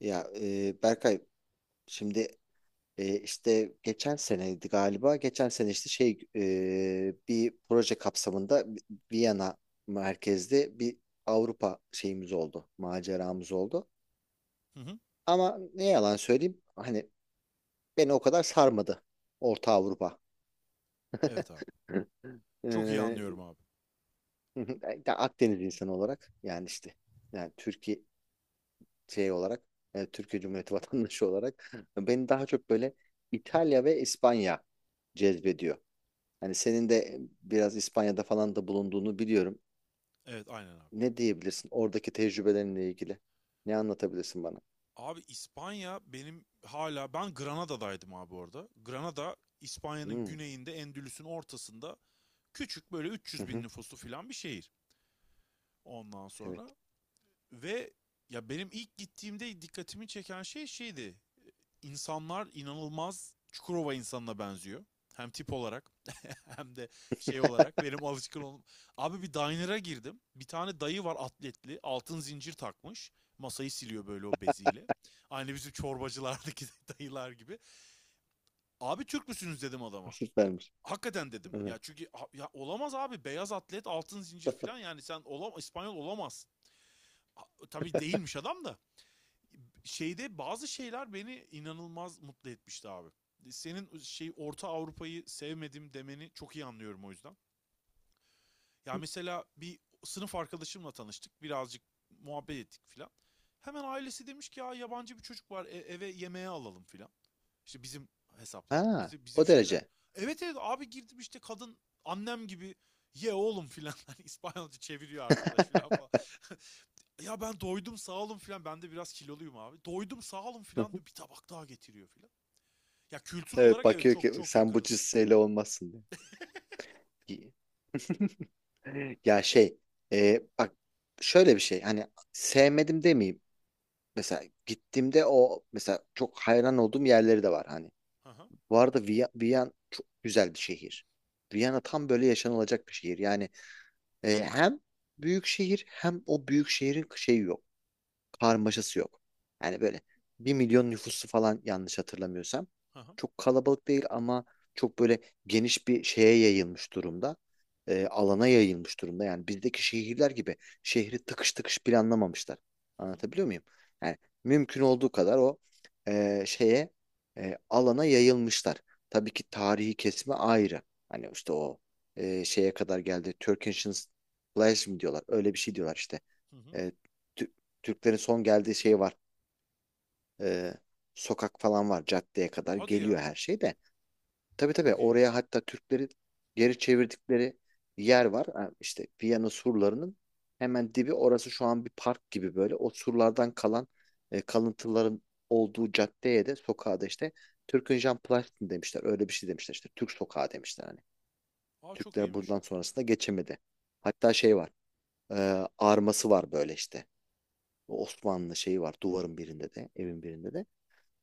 Berkay, şimdi işte geçen seneydi galiba. Geçen sene bir proje kapsamında Viyana merkezli bir Avrupa şeyimiz oldu. Maceramız oldu. Hı hı. Ama ne yalan söyleyeyim, hani beni o kadar sarmadı Orta Avrupa. Evet abi. Hı. E, Çok iyi anlıyorum abi. Akdeniz insanı olarak yani işte yani Türkiye şey olarak Türkiye Cumhuriyeti vatandaşı olarak beni daha çok böyle İtalya ve İspanya cezbediyor. Hani senin de biraz İspanya'da falan da bulunduğunu biliyorum. Evet aynen abi. Ne diyebilirsin oradaki tecrübelerinle ilgili? Ne anlatabilirsin bana? Abi İspanya benim hala ben Granada'daydım abi orada. Granada İspanya'nın Hmm. güneyinde Endülüs'ün ortasında küçük böyle Hı 300 bin hı, nüfuslu filan bir şehir. Ondan evet. sonra Ve ya benim ilk gittiğimde dikkatimi çeken şeydi. İnsanlar inanılmaz Çukurova insanına benziyor. Hem tip olarak hem de şey olarak benim alışkın olum. Abi bir diner'a girdim. Bir tane dayı var atletli. Altın zincir takmış. Masayı siliyor böyle o beziyle. Aynı bizim çorbacılardaki dayılar gibi. Abi Türk müsünüz dedim adama. Süpermiş. Hakikaten dedim. Hı hı. Ya çünkü ya olamaz abi beyaz atlet altın zincir falan yani sen olam İspanyol olamazsın. Ha, tabii değilmiş adam da şeyde bazı şeyler beni inanılmaz mutlu etmişti abi. Senin şey Orta Avrupa'yı sevmedim demeni çok iyi anlıyorum o yüzden. Ya mesela bir sınıf arkadaşımla tanıştık. Birazcık muhabbet ettik filan. Hemen ailesi demiş ki ya yabancı bir çocuk var eve yemeğe alalım filan. İşte bizim hesaplar, Ha, bizim o şeyler. derece. Evet evet abi girdim işte kadın annem gibi ye oğlum filan hani İspanyolca çeviriyor arkadaş filan falan. Ya ben doydum sağ olun filan. Ben de biraz kiloluyum abi. Doydum sağ olun Hı filan hı. diyor. Bir tabak daha getiriyor filan. Ya kültür Evet, olarak evet bakıyor çok ki çok sen bu yakınız. cüsseyle olmazsın diye. Ya şey bak şöyle bir şey, hani sevmedim demeyeyim, mesela gittiğimde o mesela çok hayran olduğum yerleri de var hani. Hı hı. Bu arada Viyana çok güzel bir şehir. Viyana tam böyle yaşanılacak bir şehir. Yani hem büyük şehir, hem o büyük şehrin şeyi yok, karmaşası yok. Yani böyle 1.000.000 nüfusu falan, yanlış hatırlamıyorsam. Hı hı. Çok kalabalık değil ama çok böyle geniş bir şeye yayılmış durumda. Alana yayılmış durumda. Yani bizdeki şehirler gibi şehri tıkış tıkış planlamamışlar. Hı hı. Anlatabiliyor muyum? Yani mümkün olduğu kadar o e, şeye e, alana yayılmışlar. Tabii ki tarihi kesme ayrı. Hani işte şeye kadar geldi. Turk Ancient Place mi diyorlar? Öyle bir şey diyorlar işte. Hı hı. E, Tü- Türklerin son geldiği şey var. Ee, Sokak falan var, caddeye kadar Hadi geliyor ya. her şey de. Tabii tabii, Çok oraya iyiymiş. hatta Türklerin geri çevirdikleri yer var. Ha, İşte Viyana surlarının hemen dibi orası, şu an bir park gibi böyle. O surlardan kalan kalıntıların olduğu caddeye de sokağa da işte Türkünjan Platin demişler. Öyle bir şey demişler işte, Türk sokağı demişler hani. Aa çok Türkler iyiymiş. buradan sonrasında geçemedi. Hatta şey var. Arması var böyle işte. O Osmanlı şeyi var duvarın birinde de, evin birinde de.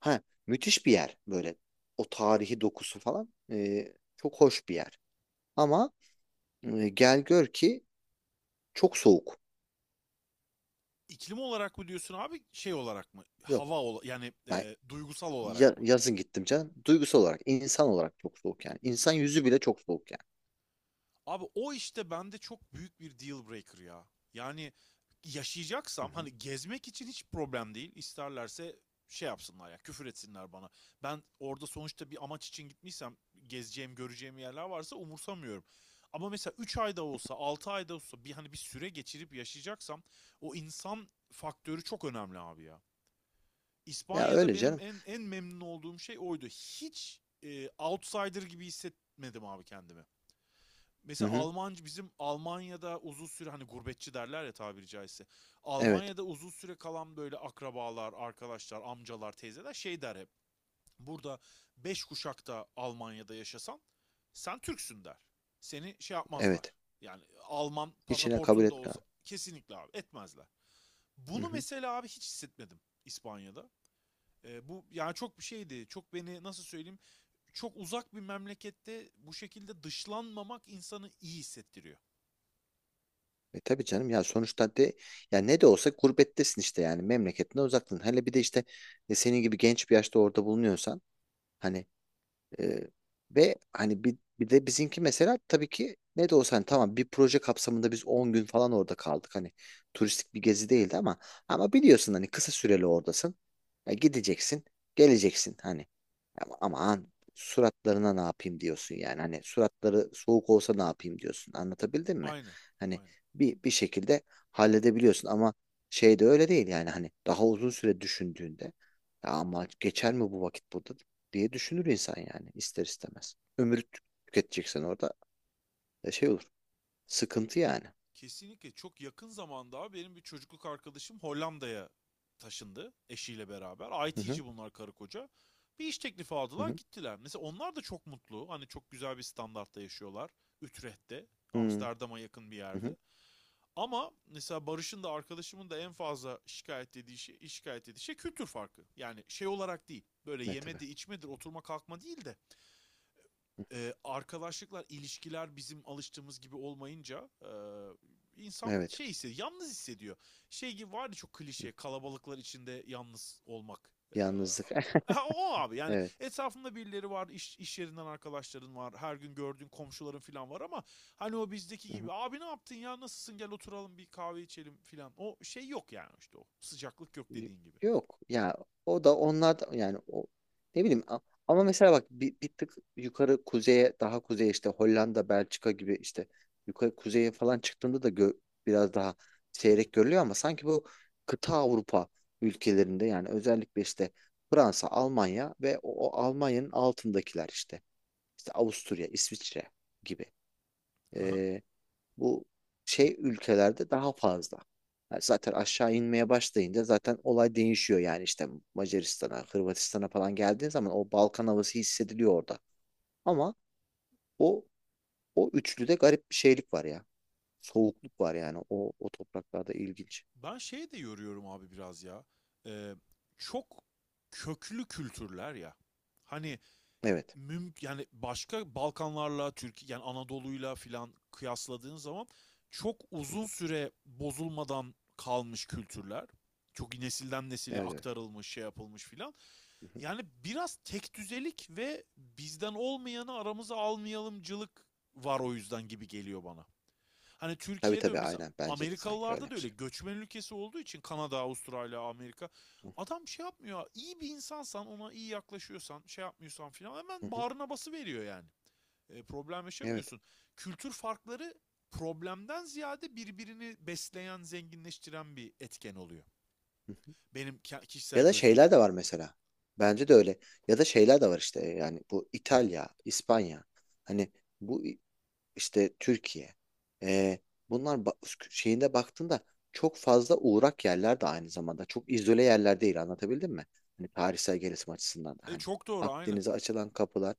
Ha, müthiş bir yer böyle. O tarihi dokusu falan, çok hoş bir yer. Ama gel gör ki çok soğuk. İklim olarak mı diyorsun abi şey olarak mı? Yok. Yani Ben duygusal olarak ya- mı? yazın gittim canım. Duygusal olarak, insan olarak çok soğuk yani. İnsan yüzü bile çok soğuk yani. Abi o işte bende çok büyük bir deal breaker ya. Yani Hı yaşayacaksam hı. hani gezmek için hiç problem değil. İsterlerse şey yapsınlar ya küfür etsinler bana. Ben orada sonuçta bir amaç için gitmiysem gezeceğim göreceğim yerler varsa umursamıyorum. Ama mesela 3 ayda olsa 6 ayda olsa bir hani bir süre geçirip yaşayacaksam o insan faktörü çok önemli abi ya. Ya İspanya'da öyle benim canım. En memnun olduğum şey oydu. Hiç outsider gibi hissetmedim abi kendimi. Hı Mesela hı. Almancı bizim Almanya'da uzun süre hani gurbetçi derler ya tabiri caizse. Evet. Almanya'da uzun süre kalan böyle akrabalar, arkadaşlar, amcalar, teyzeler şey der hep. Burada beş kuşakta Almanya'da yaşasan sen Türksün der. Seni şey yapmazlar. Evet. Yani Alman İçine kabul pasaportun da etme. olsa kesinlikle abi etmezler. Hı Bunu hı. mesela abi hiç hissetmedim İspanya'da. E, bu yani çok bir şeydi. Çok beni nasıl söyleyeyim? Çok uzak bir memlekette bu şekilde dışlanmamak insanı iyi hissettiriyor. E tabii canım, ya sonuçta de, ya ne de olsa gurbettesin işte, yani memleketinden uzaktın. Hele bir de işte senin gibi genç bir yaşta orada bulunuyorsan hani. Ee, Ve hani bir de bizimki mesela, tabii ki ne de olsa hani tamam, bir proje kapsamında biz 10 gün falan orada kaldık. Hani turistik bir gezi değildi ama, ama biliyorsun hani kısa süreli oradasın. Ya gideceksin, geleceksin hani. Ama aman, suratlarına ne yapayım diyorsun yani. Hani suratları soğuk olsa ne yapayım diyorsun. Anlatabildim mi? Aynı. Hani Aynı. Bir şekilde halledebiliyorsun ama şey de öyle değil yani, hani daha uzun süre düşündüğünde ya ama geçer mi bu vakit burada diye düşünür insan yani ister istemez. Tüketeceksen orada şey olur. Sıkıntı yani. Kesinlikle çok yakın zamanda abi benim bir çocukluk arkadaşım Hollanda'ya taşındı eşiyle beraber. Hı hı, IT'ci bunlar karı koca. Bir iş teklifi hı aldılar hı, gittiler. Mesela onlar da çok mutlu. Hani çok güzel bir standartta yaşıyorlar. Utrecht'te. hı Amsterdam'a yakın bir hı, hı. yerde. Ama mesela Barış'ın da arkadaşımın da en fazla şikayet dediği şey, şikayet ettiği şey kültür farkı. Yani şey olarak değil. Böyle Ne tabii. yemedir, içmedir, oturma kalkma değil de arkadaşlıklar, ilişkiler bizim alıştığımız gibi olmayınca insan Evet. şey hissediyor, yalnız hissediyor. Şey gibi vardı çok Hı. klişe, kalabalıklar içinde yalnız olmak. Yalnızlık. O abi yani Evet. etrafında birileri var, iş yerinden arkadaşların var, her gün gördüğün komşuların falan var ama hani o bizdeki Hı hı. gibi abi ne yaptın ya nasılsın gel oturalım bir kahve içelim falan. O şey yok yani işte o sıcaklık yok Y- dediğin gibi. Yok ya, o da onlar da- yani o, ne bileyim, ama mesela bak bir tık yukarı kuzeye, daha kuzeye, işte Hollanda, Belçika gibi işte yukarı kuzeye falan çıktığında da biraz daha seyrek görülüyor, ama sanki bu kıta Avrupa ülkelerinde, yani özellikle işte Fransa, Almanya ve o Almanya'nın altındakiler, işte işte Avusturya, İsviçre gibi bu şey ülkelerde daha fazla. Yani zaten aşağı inmeye başlayınca zaten olay değişiyor yani, işte Macaristan'a, Hırvatistan'a falan geldiğin zaman o Balkan havası hissediliyor orada. Ama o o üçlüde garip bir şeylik var ya. Soğukluk var yani o topraklarda, ilginç. Ben şey de yoruyorum abi biraz ya. Ee, Çok köklü kültürler ya. Hani Evet. mümkün yani başka Balkanlarla Türkiye yani Anadolu'yla filan kıyasladığın zaman çok Hı uzun hı. süre bozulmadan kalmış kültürler. Çok nesilden nesile Evet evet. aktarılmış, şey yapılmış filan. Hı hı. Yani biraz tek düzelik ve bizden olmayanı aramıza almayalımcılık var o yüzden gibi geliyor bana. Hani Tabii Türkiye'de tabii, mesela aynen bence de sanki öyle Amerikalılarda da bir öyle şey. göçmen ülkesi olduğu için Kanada, Avustralya, Amerika. Hı Adam şey yapmıyor. İyi bir insansan, ona iyi yaklaşıyorsan, şey yapmıyorsan filan hı, hemen hı. bağrına bası veriyor yani. E, problem Evet. yaşamıyorsun. Kültür farkları problemden ziyade birbirini besleyen, zenginleştiren bir etken oluyor. Hı hı. Benim kişisel Ya da gözlemim. şeyler de var mesela. Bence de öyle. Ya da şeyler de var işte, yani bu İtalya, İspanya. Hani bu işte Türkiye. Ee, Bunlar şeyinde baktığında çok fazla uğrak yerler de aynı zamanda. Çok izole yerler değil, anlatabildim mi? Hani tarihsel gelişim açısından da E hani çok doğru aynı. Akdeniz'e açılan kapılar,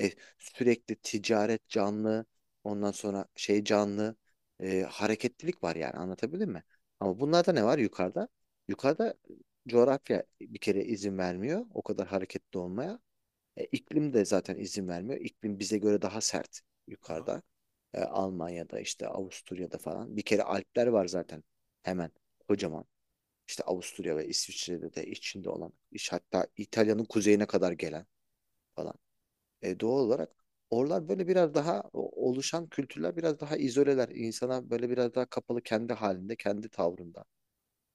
e, sürekli ticaret canlı, ondan sonra şey canlı, hareketlilik var yani, anlatabildim mi? Ama bunlarda ne var yukarıda? Yukarıda coğrafya bir kere izin vermiyor o kadar hareketli olmaya. E, iklim de zaten izin vermiyor. İklim bize göre daha sert Hı hı. yukarıda. E, Almanya'da, işte Avusturya'da falan. Bir kere Alpler var zaten hemen, kocaman. İşte Avusturya ve İsviçre'de de içinde olan, iş hatta İtalya'nın kuzeyine kadar gelen falan. E, doğal olarak oralar böyle biraz daha oluşan kültürler biraz daha izoleler. İnsana böyle biraz daha kapalı, kendi halinde, kendi tavrında.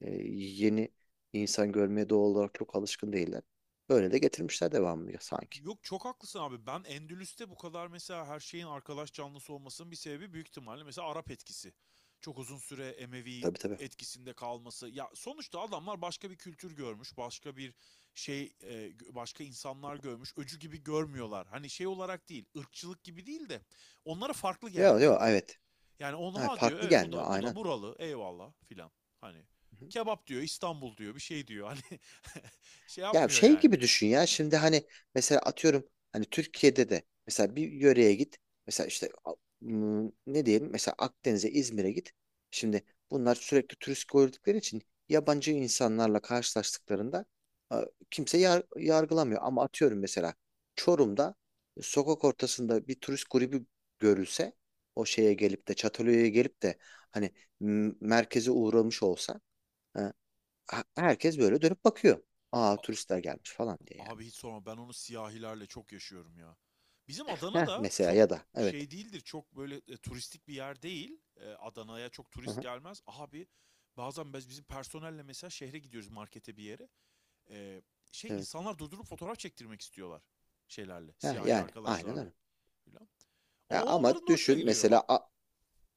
E, Yeni insan görmeye doğal olarak çok alışkın değiller. Böyle de getirmişler devamlı sanki. Yok çok haklısın abi. Ben Endülüs'te bu kadar mesela her şeyin arkadaş canlısı olmasının bir sebebi büyük ihtimalle mesela Arap etkisi. Çok uzun süre Emevi Tabii tabii. etkisinde kalması. Ya sonuçta adamlar başka bir kültür görmüş, başka şey, e, başka insanlar görmüş. Öcü gibi görmüyorlar. Hani şey olarak değil, ırkçılık gibi değil de onlara farklı Yok gelmiyor. yok, evet. Yani Ha, onu diyor, farklı evet gelmiyor bu da aynen. buralı. Eyvallah filan. Hani Hı hı. kebap diyor, İstanbul diyor, bir şey diyor. Hani şey Ya yapmıyor şey yani. gibi düşün ya, şimdi hani mesela atıyorum hani Türkiye'de de mesela bir yöreye git. Mesela işte a- m, Ne diyelim, mesela Akdeniz'e, İzmir'e git. Şimdi bunlar sürekli turist gördükleri için yabancı insanlarla karşılaştıklarında, a, kimse yargılamıyor. Ama atıyorum, mesela Çorum'da sokak ortasında bir turist grubu görülse, o şeye gelip de Çatalhöyük'e gelip de hani, merkeze uğramış olsa, herkes böyle dönüp bakıyor. Aa, A- turistler gelmiş falan diye yani. Abi hiç sorma ben onu siyahilerle çok yaşıyorum ya. Bizim Adana Heh, da mesela çok ya da evet. şey değildir. Çok böyle turistik bir yer değil. E, Adana'ya çok turist Aha, gelmez. Abi bazen bizim personelle mesela şehre gidiyoruz markete bir yere. E, Şey evet. insanlar durdurup fotoğraf çektirmek istiyorlar şeylerle, Ha, siyahi yani aynen arkadaşlarla öyle. filan. Ya O onların ama da hoşuna düşün gidiyor. Mesela,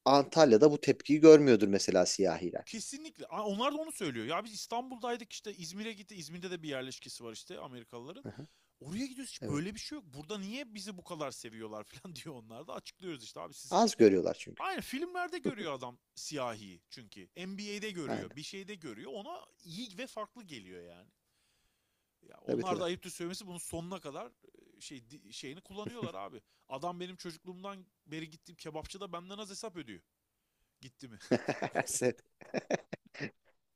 Antalya'da bu tepkiyi görmüyordur mesela siyahiler. Kesinlikle. Onlar da onu söylüyor. Ya biz İstanbul'daydık işte İzmir'e gitti. İzmir'de de bir yerleşkesi var işte Amerikalıların. Aha, Oraya gidiyoruz hiç evet. böyle bir şey yok. Burada niye bizi bu kadar seviyorlar falan diyor onlar da açıklıyoruz işte abi siz. Az görüyorlar çünkü. Aynen filmlerde görüyor adam siyahi çünkü. NBA'de Aynen. görüyor bir şeyde görüyor ona iyi ve farklı geliyor yani. Ya Tabii onlar da tabii. ayıptır söylemesi bunun sonuna kadar şeyini kullanıyorlar abi. Adam benim çocukluğumdan beri gittiğim kebapçıda benden az hesap ödüyor. Gitti mi? Sen-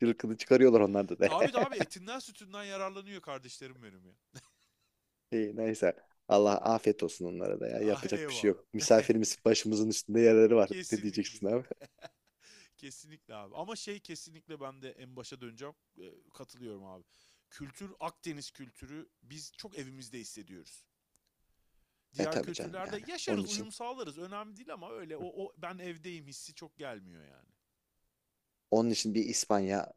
Cılkını çıkarıyorlar onlarda da. Tabii de abi etinden sütünden yararlanıyor kardeşlerim benim ya. İyi, neyse. Allah afiyet olsun onlara da ya. Ah, Yapacak bir şey eyvallah. yok. Misafirimiz, başımızın üstünde yerleri var. Ne Kesinlikle. diyeceksin abi? Kesinlikle abi. Ama şey kesinlikle ben de en başa döneceğim. Katılıyorum abi. Kültür, Akdeniz kültürü biz çok evimizde hissediyoruz. E Diğer tabii canım kültürlerde yani. Onun yaşarız, için, uyum sağlarız. Önemli değil ama öyle o ben evdeyim hissi çok gelmiyor yani. onun için bir İspanya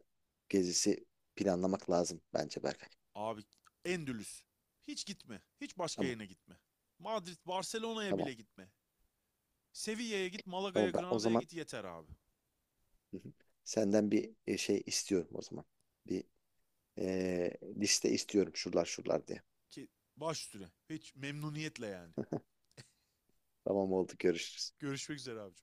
gezisi planlamak lazım bence Berkay. Abi Endülüs. Hiç gitme. Hiç başka Tamam, yerine gitme. Madrid, Barcelona'ya tamam. bile gitme. Sevilla'ya git, Malaga'ya, Tamam ben o Granada'ya zaman, git yeter abi. hı hı, senden bir şey istiyorum o zaman. Bir liste istiyorum, şuralar şuralar diye. Ki baş üstüne. Hiç memnuniyetle yani. Tamam, oldu, görüşürüz. Görüşmek üzere abi.